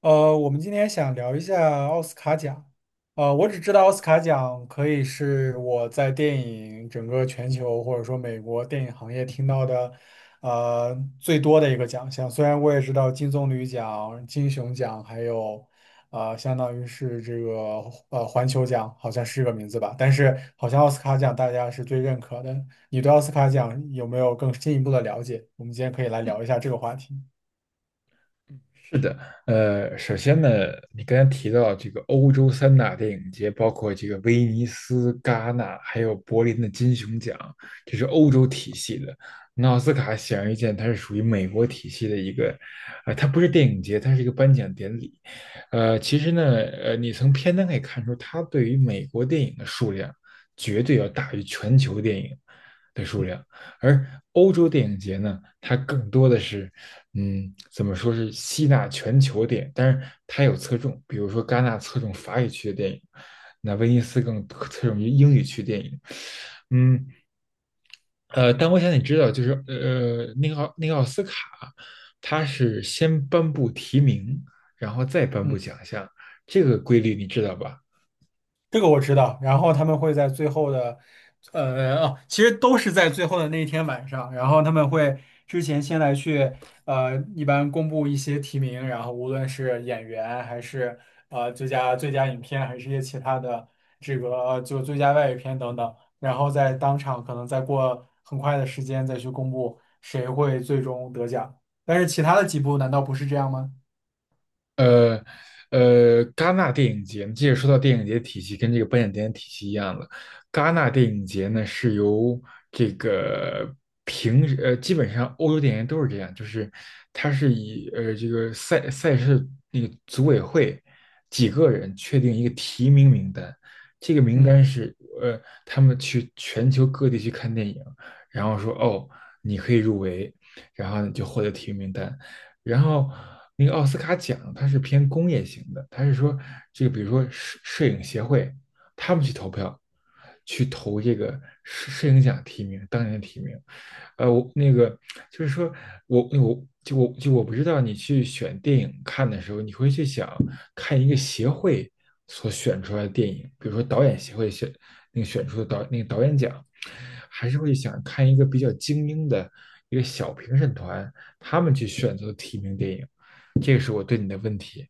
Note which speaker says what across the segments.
Speaker 1: 我们今天想聊一下奥斯卡奖。我只知道奥斯卡奖可以是我在电影整个全球或者说美国电影行业听到的，最多的一个奖项。虽然我也知道金棕榈奖、金熊奖，还有相当于是这个环球奖，好像是这个名字吧。但是好像奥斯卡奖大家是最认可的。你对奥斯卡奖有没有更进一步的了解？我们今天可以来聊一下这个话题。
Speaker 2: 是的，首先呢，你刚才提到这个欧洲三大电影节，包括这个威尼斯、戛纳，还有柏林的金熊奖，这是欧洲体系的。那奥斯卡显而易见，它是属于美国体系的一个，它不是电影节，它是一个颁奖典礼。其实呢，你从片单可以看出，它对于美国电影的数量绝对要大于全球电影的数
Speaker 1: 嗯
Speaker 2: 量，而欧洲电影节呢，它更多的是。嗯，怎么说是吸纳全球点，但是它有侧重，比如说戛纳侧重法语区的电影，那威尼斯更侧重于英语区电影。嗯，但我想你知道，就是那个奥斯卡，它是先颁布提名，然后再颁布
Speaker 1: 嗯，
Speaker 2: 奖项，这个规律你知道吧？
Speaker 1: 这个我知道，然后他们会在最后的，其实都是在最后的那一天晚上，然后他们会之前先来去，一般公布一些提名，然后无论是演员还是最佳影片，还是一些其他的这个就最佳外语片等等，然后在当场可能再过很快的时间再去公布谁会最终得奖，但是其他的几部难道不是这样吗？
Speaker 2: 呃戛纳电影节，接着说到电影节体系，跟这个颁奖典礼体系一样的。戛纳电影节呢，是由这个平时基本上欧洲电影节都是这样，就是它是以这个赛事那个组委会几个人确定一个提名名单，这个名
Speaker 1: 嗯。
Speaker 2: 单是他们去全球各地去看电影，然后说哦你可以入围，然后你就获得提名名单。然后那个奥斯卡奖它是偏工业型的，它是说这个比如说摄影协会他们去投票，去投这个摄影奖提名，当年的提名。呃，我那个就是说我不知道你去选电影看的时候，你会去想看一个协会所选出来的电影，比如说导演协会选那个选出的那个导演奖，还是会想看一个比较精英的一个小评审团他们去选择提名电影。这个是我对你的问题。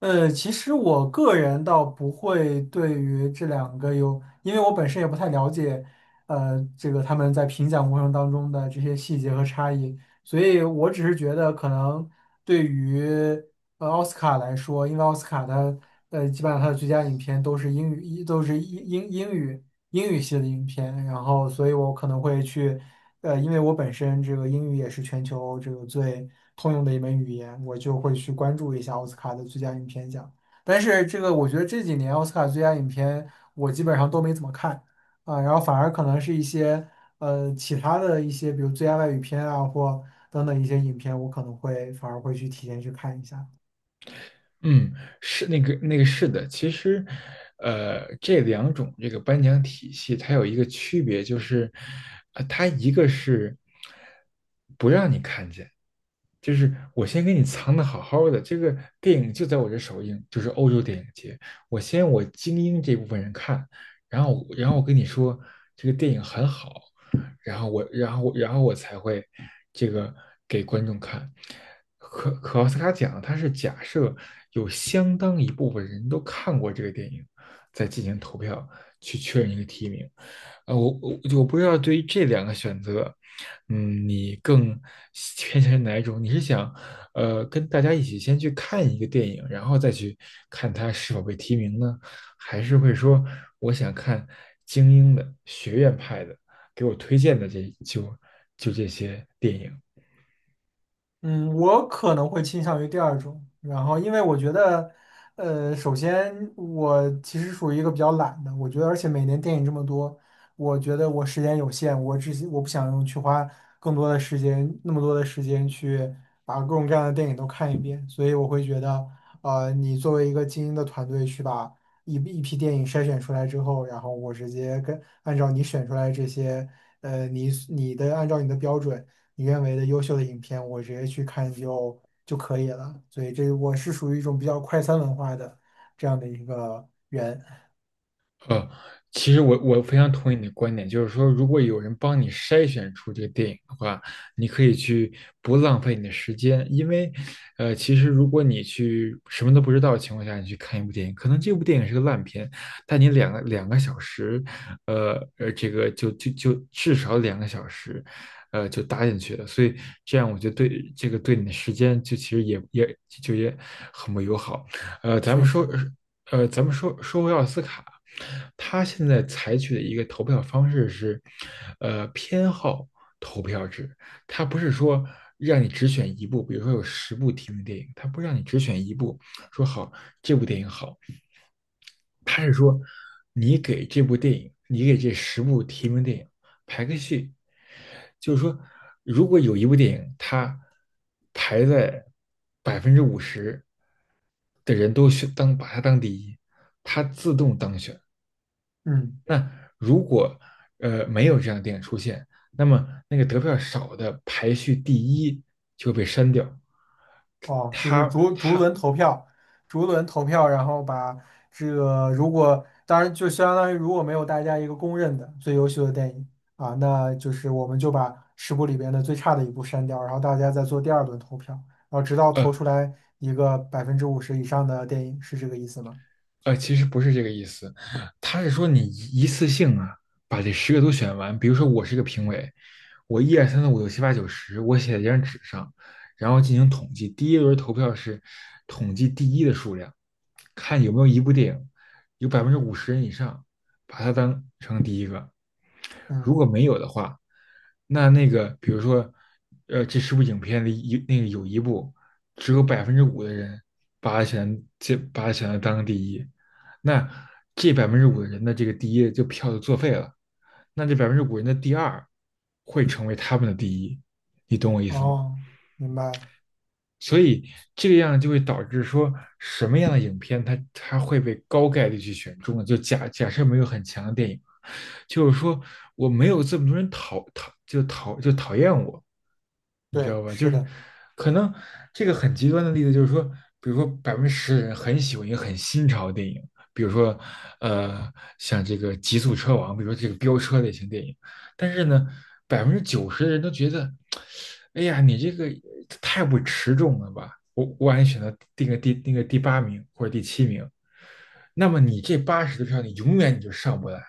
Speaker 1: 其实我个人倒不会对于这两个有，因为我本身也不太了解，这个他们在评奖过程当中的这些细节和差异，所以我只是觉得可能对于奥斯卡来说，因为奥斯卡的基本上它的最佳影片都是英语，都是英语系的影片，然后所以我可能会去。因为我本身这个英语也是全球这个最通用的一门语言，我就会去关注一下奥斯卡的最佳影片奖。但是这个我觉得这几年奥斯卡最佳影片我基本上都没怎么看啊，然后反而可能是一些其他的一些，比如最佳外语片啊或等等一些影片，我可能会反而会去提前去看一下。
Speaker 2: 嗯，是的，其实，这两种这个颁奖体系它有一个区别，就是，它一个是不就是我先给你藏的好好的，这个电影就在我这首映，就是欧洲电影节，我先我精英这部分人看，然后我跟你说这个电影很好，然后我，然后，然后我才会这个给观众看。可奥斯卡奖，它是假设有相当一部分人都看过这个电影，再进行投票去确认一个提名。呃，我我我不知道对于这两个选择，嗯，你更偏向于哪一种？你是想，跟大家一起先去看一个电影，然后再去看它是否被提名呢？还是会说我想看精英的学院派的，给我推荐的这就就这些电影。
Speaker 1: 嗯，我可能会倾向于第二种，然后因为我觉得，首先我其实属于一个比较懒的，我觉得，而且每年电影这么多，我觉得我时间有限，我不想用去花更多的时间，那么多的时间去把各种各样的电影都看一遍，所以我会觉得，你作为一个精英的团队去把一批电影筛选出来之后，然后我直接跟按照你选出来这些，呃，你你的按照你的标准。你认为的优秀的影片，我直接去看就可以了。所以这我是属于一种比较快餐文化的这样的一个人，
Speaker 2: 呃，其实我非常同意你的观点，就是说，如果有人帮你筛选出这个电影的话，你可以去不浪费你的时间，因为，其实如果你去什么都不知道的情况下，你去看一部电影，可能这部电影是个烂片，但你两个小时，这个就就就至少两个小时，就搭进去了，所以这样我觉得对你的时间其实也很不友好。呃，咱
Speaker 1: 确
Speaker 2: 们说
Speaker 1: 实，
Speaker 2: 呃咱们说说回奥斯卡，他现在采取的一个投票方式是，偏好投票制，他不是说让你只选一部，比如说有十部提名的电影，他不让你只选一部，说好这部电影好，他是说你给这部电影，你给这十部提名电影排个序，就是说，如果有一部电影它排在百分之五十的人都选当把它当第一，它自动当选。
Speaker 1: 嗯，
Speaker 2: 那如果没有这样的电影出现，那么那个得票少的排序第一就会被删掉。
Speaker 1: 哦，就是
Speaker 2: 它
Speaker 1: 逐逐
Speaker 2: 它
Speaker 1: 轮投票，逐轮投票，然后把这个如果当然就相当于如果没有大家一个公认的最优秀的电影啊，那就是我们就把十部里边的最差的一部删掉，然后大家再做第二轮投票，然后直到投
Speaker 2: 呃
Speaker 1: 出来一个50%以上的电影，是这个意思吗？
Speaker 2: 呃，其实不是这个意思，他是说你一次性啊，把这十个都选完。比如说，我是一个评委，我一二三四五六七八九十，我写在一张纸上，然后进行统计。第一轮投票是统计第一的数量，看有没有一部电影有百分之五十人以上把它当成第一个。如
Speaker 1: 嗯。
Speaker 2: 果没有的话，那那个比如说，这十部影片里一那个有一部只有百分之五的人把它选择当第一。那这百分之五的人的这个第一就票就作废了，那这百分之五人的第二会成为他们的第一，你懂我意思吗？
Speaker 1: 哦，明白了，
Speaker 2: 所以这个样就会导致说什么样的影片它会被高概率去选中呢？就假假设没有很强的电影，就是说我没有这么多人讨厌我，你知道
Speaker 1: 对，
Speaker 2: 吧？就
Speaker 1: 是
Speaker 2: 是
Speaker 1: 的，
Speaker 2: 可能这个很极端的例子就是说，比如说10%的人很喜欢一个很新潮的电影，比如说呃像这个《极速车王》，比如说这个飙车类型电影，但是呢，90%的人都觉得，哎呀，你这个太不持重了吧？我感觉选择定个第八名或者第七名，那么你这80的票，你永远就上不来，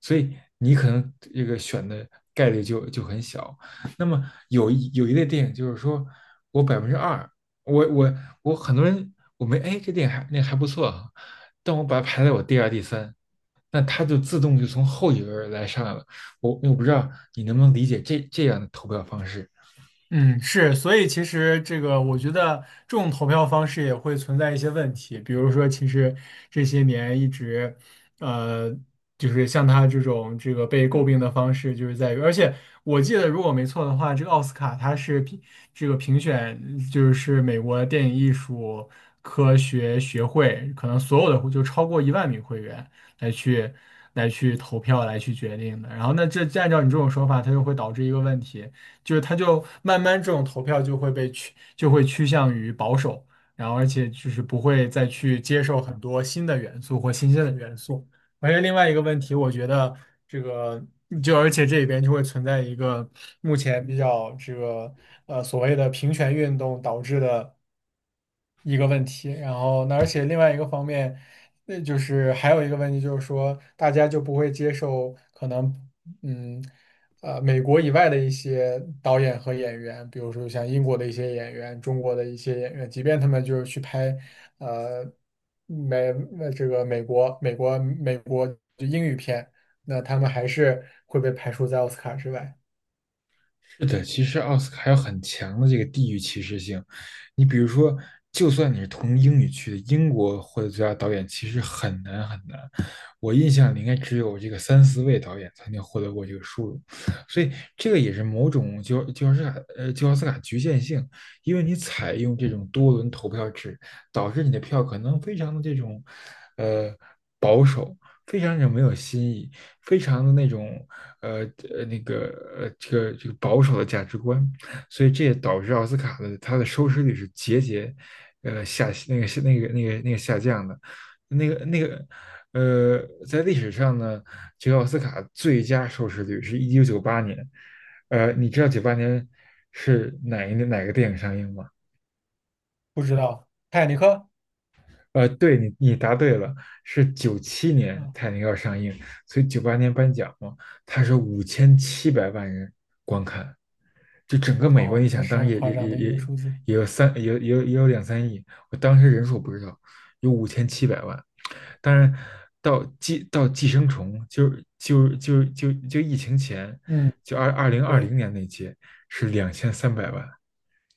Speaker 2: 所以你可能这个选的概率就很小。那么有一类电影就是说我2%，我我我很多人我没哎这电影还不错啊，但我把它排在我第二第三，那它就自动就从后一轮来上来了。我不知道你能不能理解这样的投票方式。
Speaker 1: 嗯，是，所以其实这个，我觉得这种投票方式也会存在一些问题，比如说，其实这些年一直，呃，就是像他这种这个被诟病的方式，就是在于，而且我记得如果没错的话，这个奥斯卡它是这个评选，就是美国电影艺术科学学会，可能所有的就超过10,000名会员来去来去投票来去决定的，然后那这按照你这种说法，它就会导致一个问题。就是他就慢慢这种投票就会就会趋向于保守，然后而且就是不会再去接受很多新的元素或新鲜的元素。而且另外一个问题，我觉得这个就而且这里边就会存在一个目前比较所谓的平权运动导致的。一个问题，然后那而且另外一个方面，那就是还有一个问题就是说，大家就不会接受可能，嗯，美国以外的一些导演和演员，比如说像英国的一些演员、中国的一些演员，即便他们就是去拍，呃，美呃这个美国美国美国就英语片，那他们还是会被排除在奥斯卡之外。
Speaker 2: 是的，其实奥斯卡还有很强的这个地域歧视性。你比如说，就算你是同英语区的，英国获得最佳导演其实很难很难。我印象里应该只有这个三四位导演才能获得过这个殊荣，所以这个也是某种就就奥斯卡呃就奥斯卡局限性，因为你采用这种多轮投票制，导致你的票可能非常的这种呃保守，非常的没有新意，非常的那种呃呃那个这个保守的价值观，所以这也导致奥斯卡的它的收视率是节节下降的，那个那个在历史上呢，这个奥斯卡最佳收视率是1998年，你知道九八年是哪一年哪个电影上映吗？
Speaker 1: 不知道《泰坦尼克》。
Speaker 2: 对你答对了，是97年
Speaker 1: 嗯，
Speaker 2: 《泰坦尼克号》上映，所以九八年颁奖嘛，它是五千七百万人就整个美国，
Speaker 1: 哦，
Speaker 2: 你
Speaker 1: 那
Speaker 2: 想，
Speaker 1: 是
Speaker 2: 当时
Speaker 1: 很夸张的一个数字。
Speaker 2: 也有三，也有两三亿，我当时人数不知道，有五千七百万。当然，到寄生虫，就疫情前，
Speaker 1: 嗯，
Speaker 2: 就二零二
Speaker 1: 对。
Speaker 2: 零年那届是2,300万，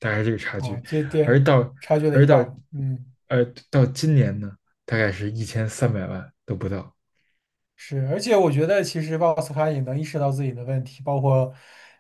Speaker 2: 大概是这个差
Speaker 1: 啊，
Speaker 2: 距。
Speaker 1: 这点
Speaker 2: 而到
Speaker 1: 差距了一
Speaker 2: 而到
Speaker 1: 半儿，嗯，
Speaker 2: 呃到今年呢，大概是1,300万都不到。
Speaker 1: 是，而且我觉得其实奥斯卡也能意识到自己的问题，包括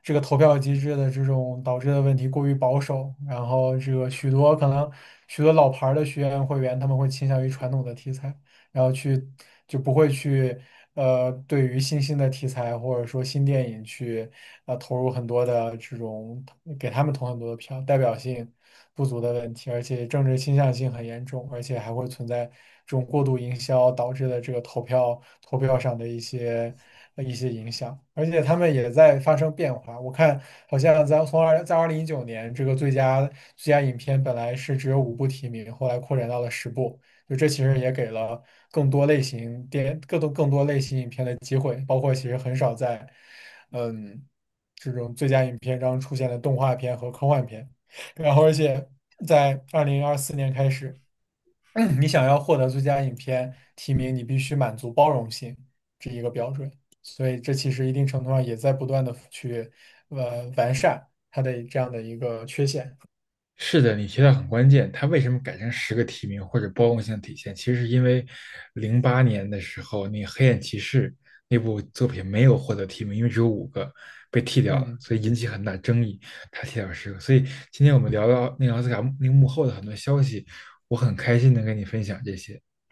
Speaker 1: 这个投票机制的这种导致的问题过于保守，然后这个许多老牌儿的学员会员他们会倾向于传统的题材，然后就不会去对于新兴的题材或者说新电影去投入很多的这种给他们投很多的票，代表性不足的问题，而且政治倾向性很严重，而且还会存在这种过度营销导致的这个投票上的一些影响，而且他们也在发生变化。我看好像在2019年这个最佳影片本来是只有五部提名，后来扩展到了十部。就这其实也给了更多类型影片的机会，包括其实很少在嗯这种最佳影片中出现的动画片和科幻片。然后，而且在2024年开始，你想要获得最佳影片提名，你必须满足包容性这一个标准。所以，这其实一定程度上也在不断的去完善它的这样的一个缺陷。
Speaker 2: 是的，你提到很关键。他为什么改成十个提名或者包容性的体现？其实是因为08年的时候，那个《黑暗骑士》那部作品没有获得提名，因为只有五个被剃掉了，
Speaker 1: 嗯。
Speaker 2: 所以引起很大争议。他剃掉十个，所以今天我们聊到那个奥斯卡那个幕后的很多消息，我很开心能跟你分享这些。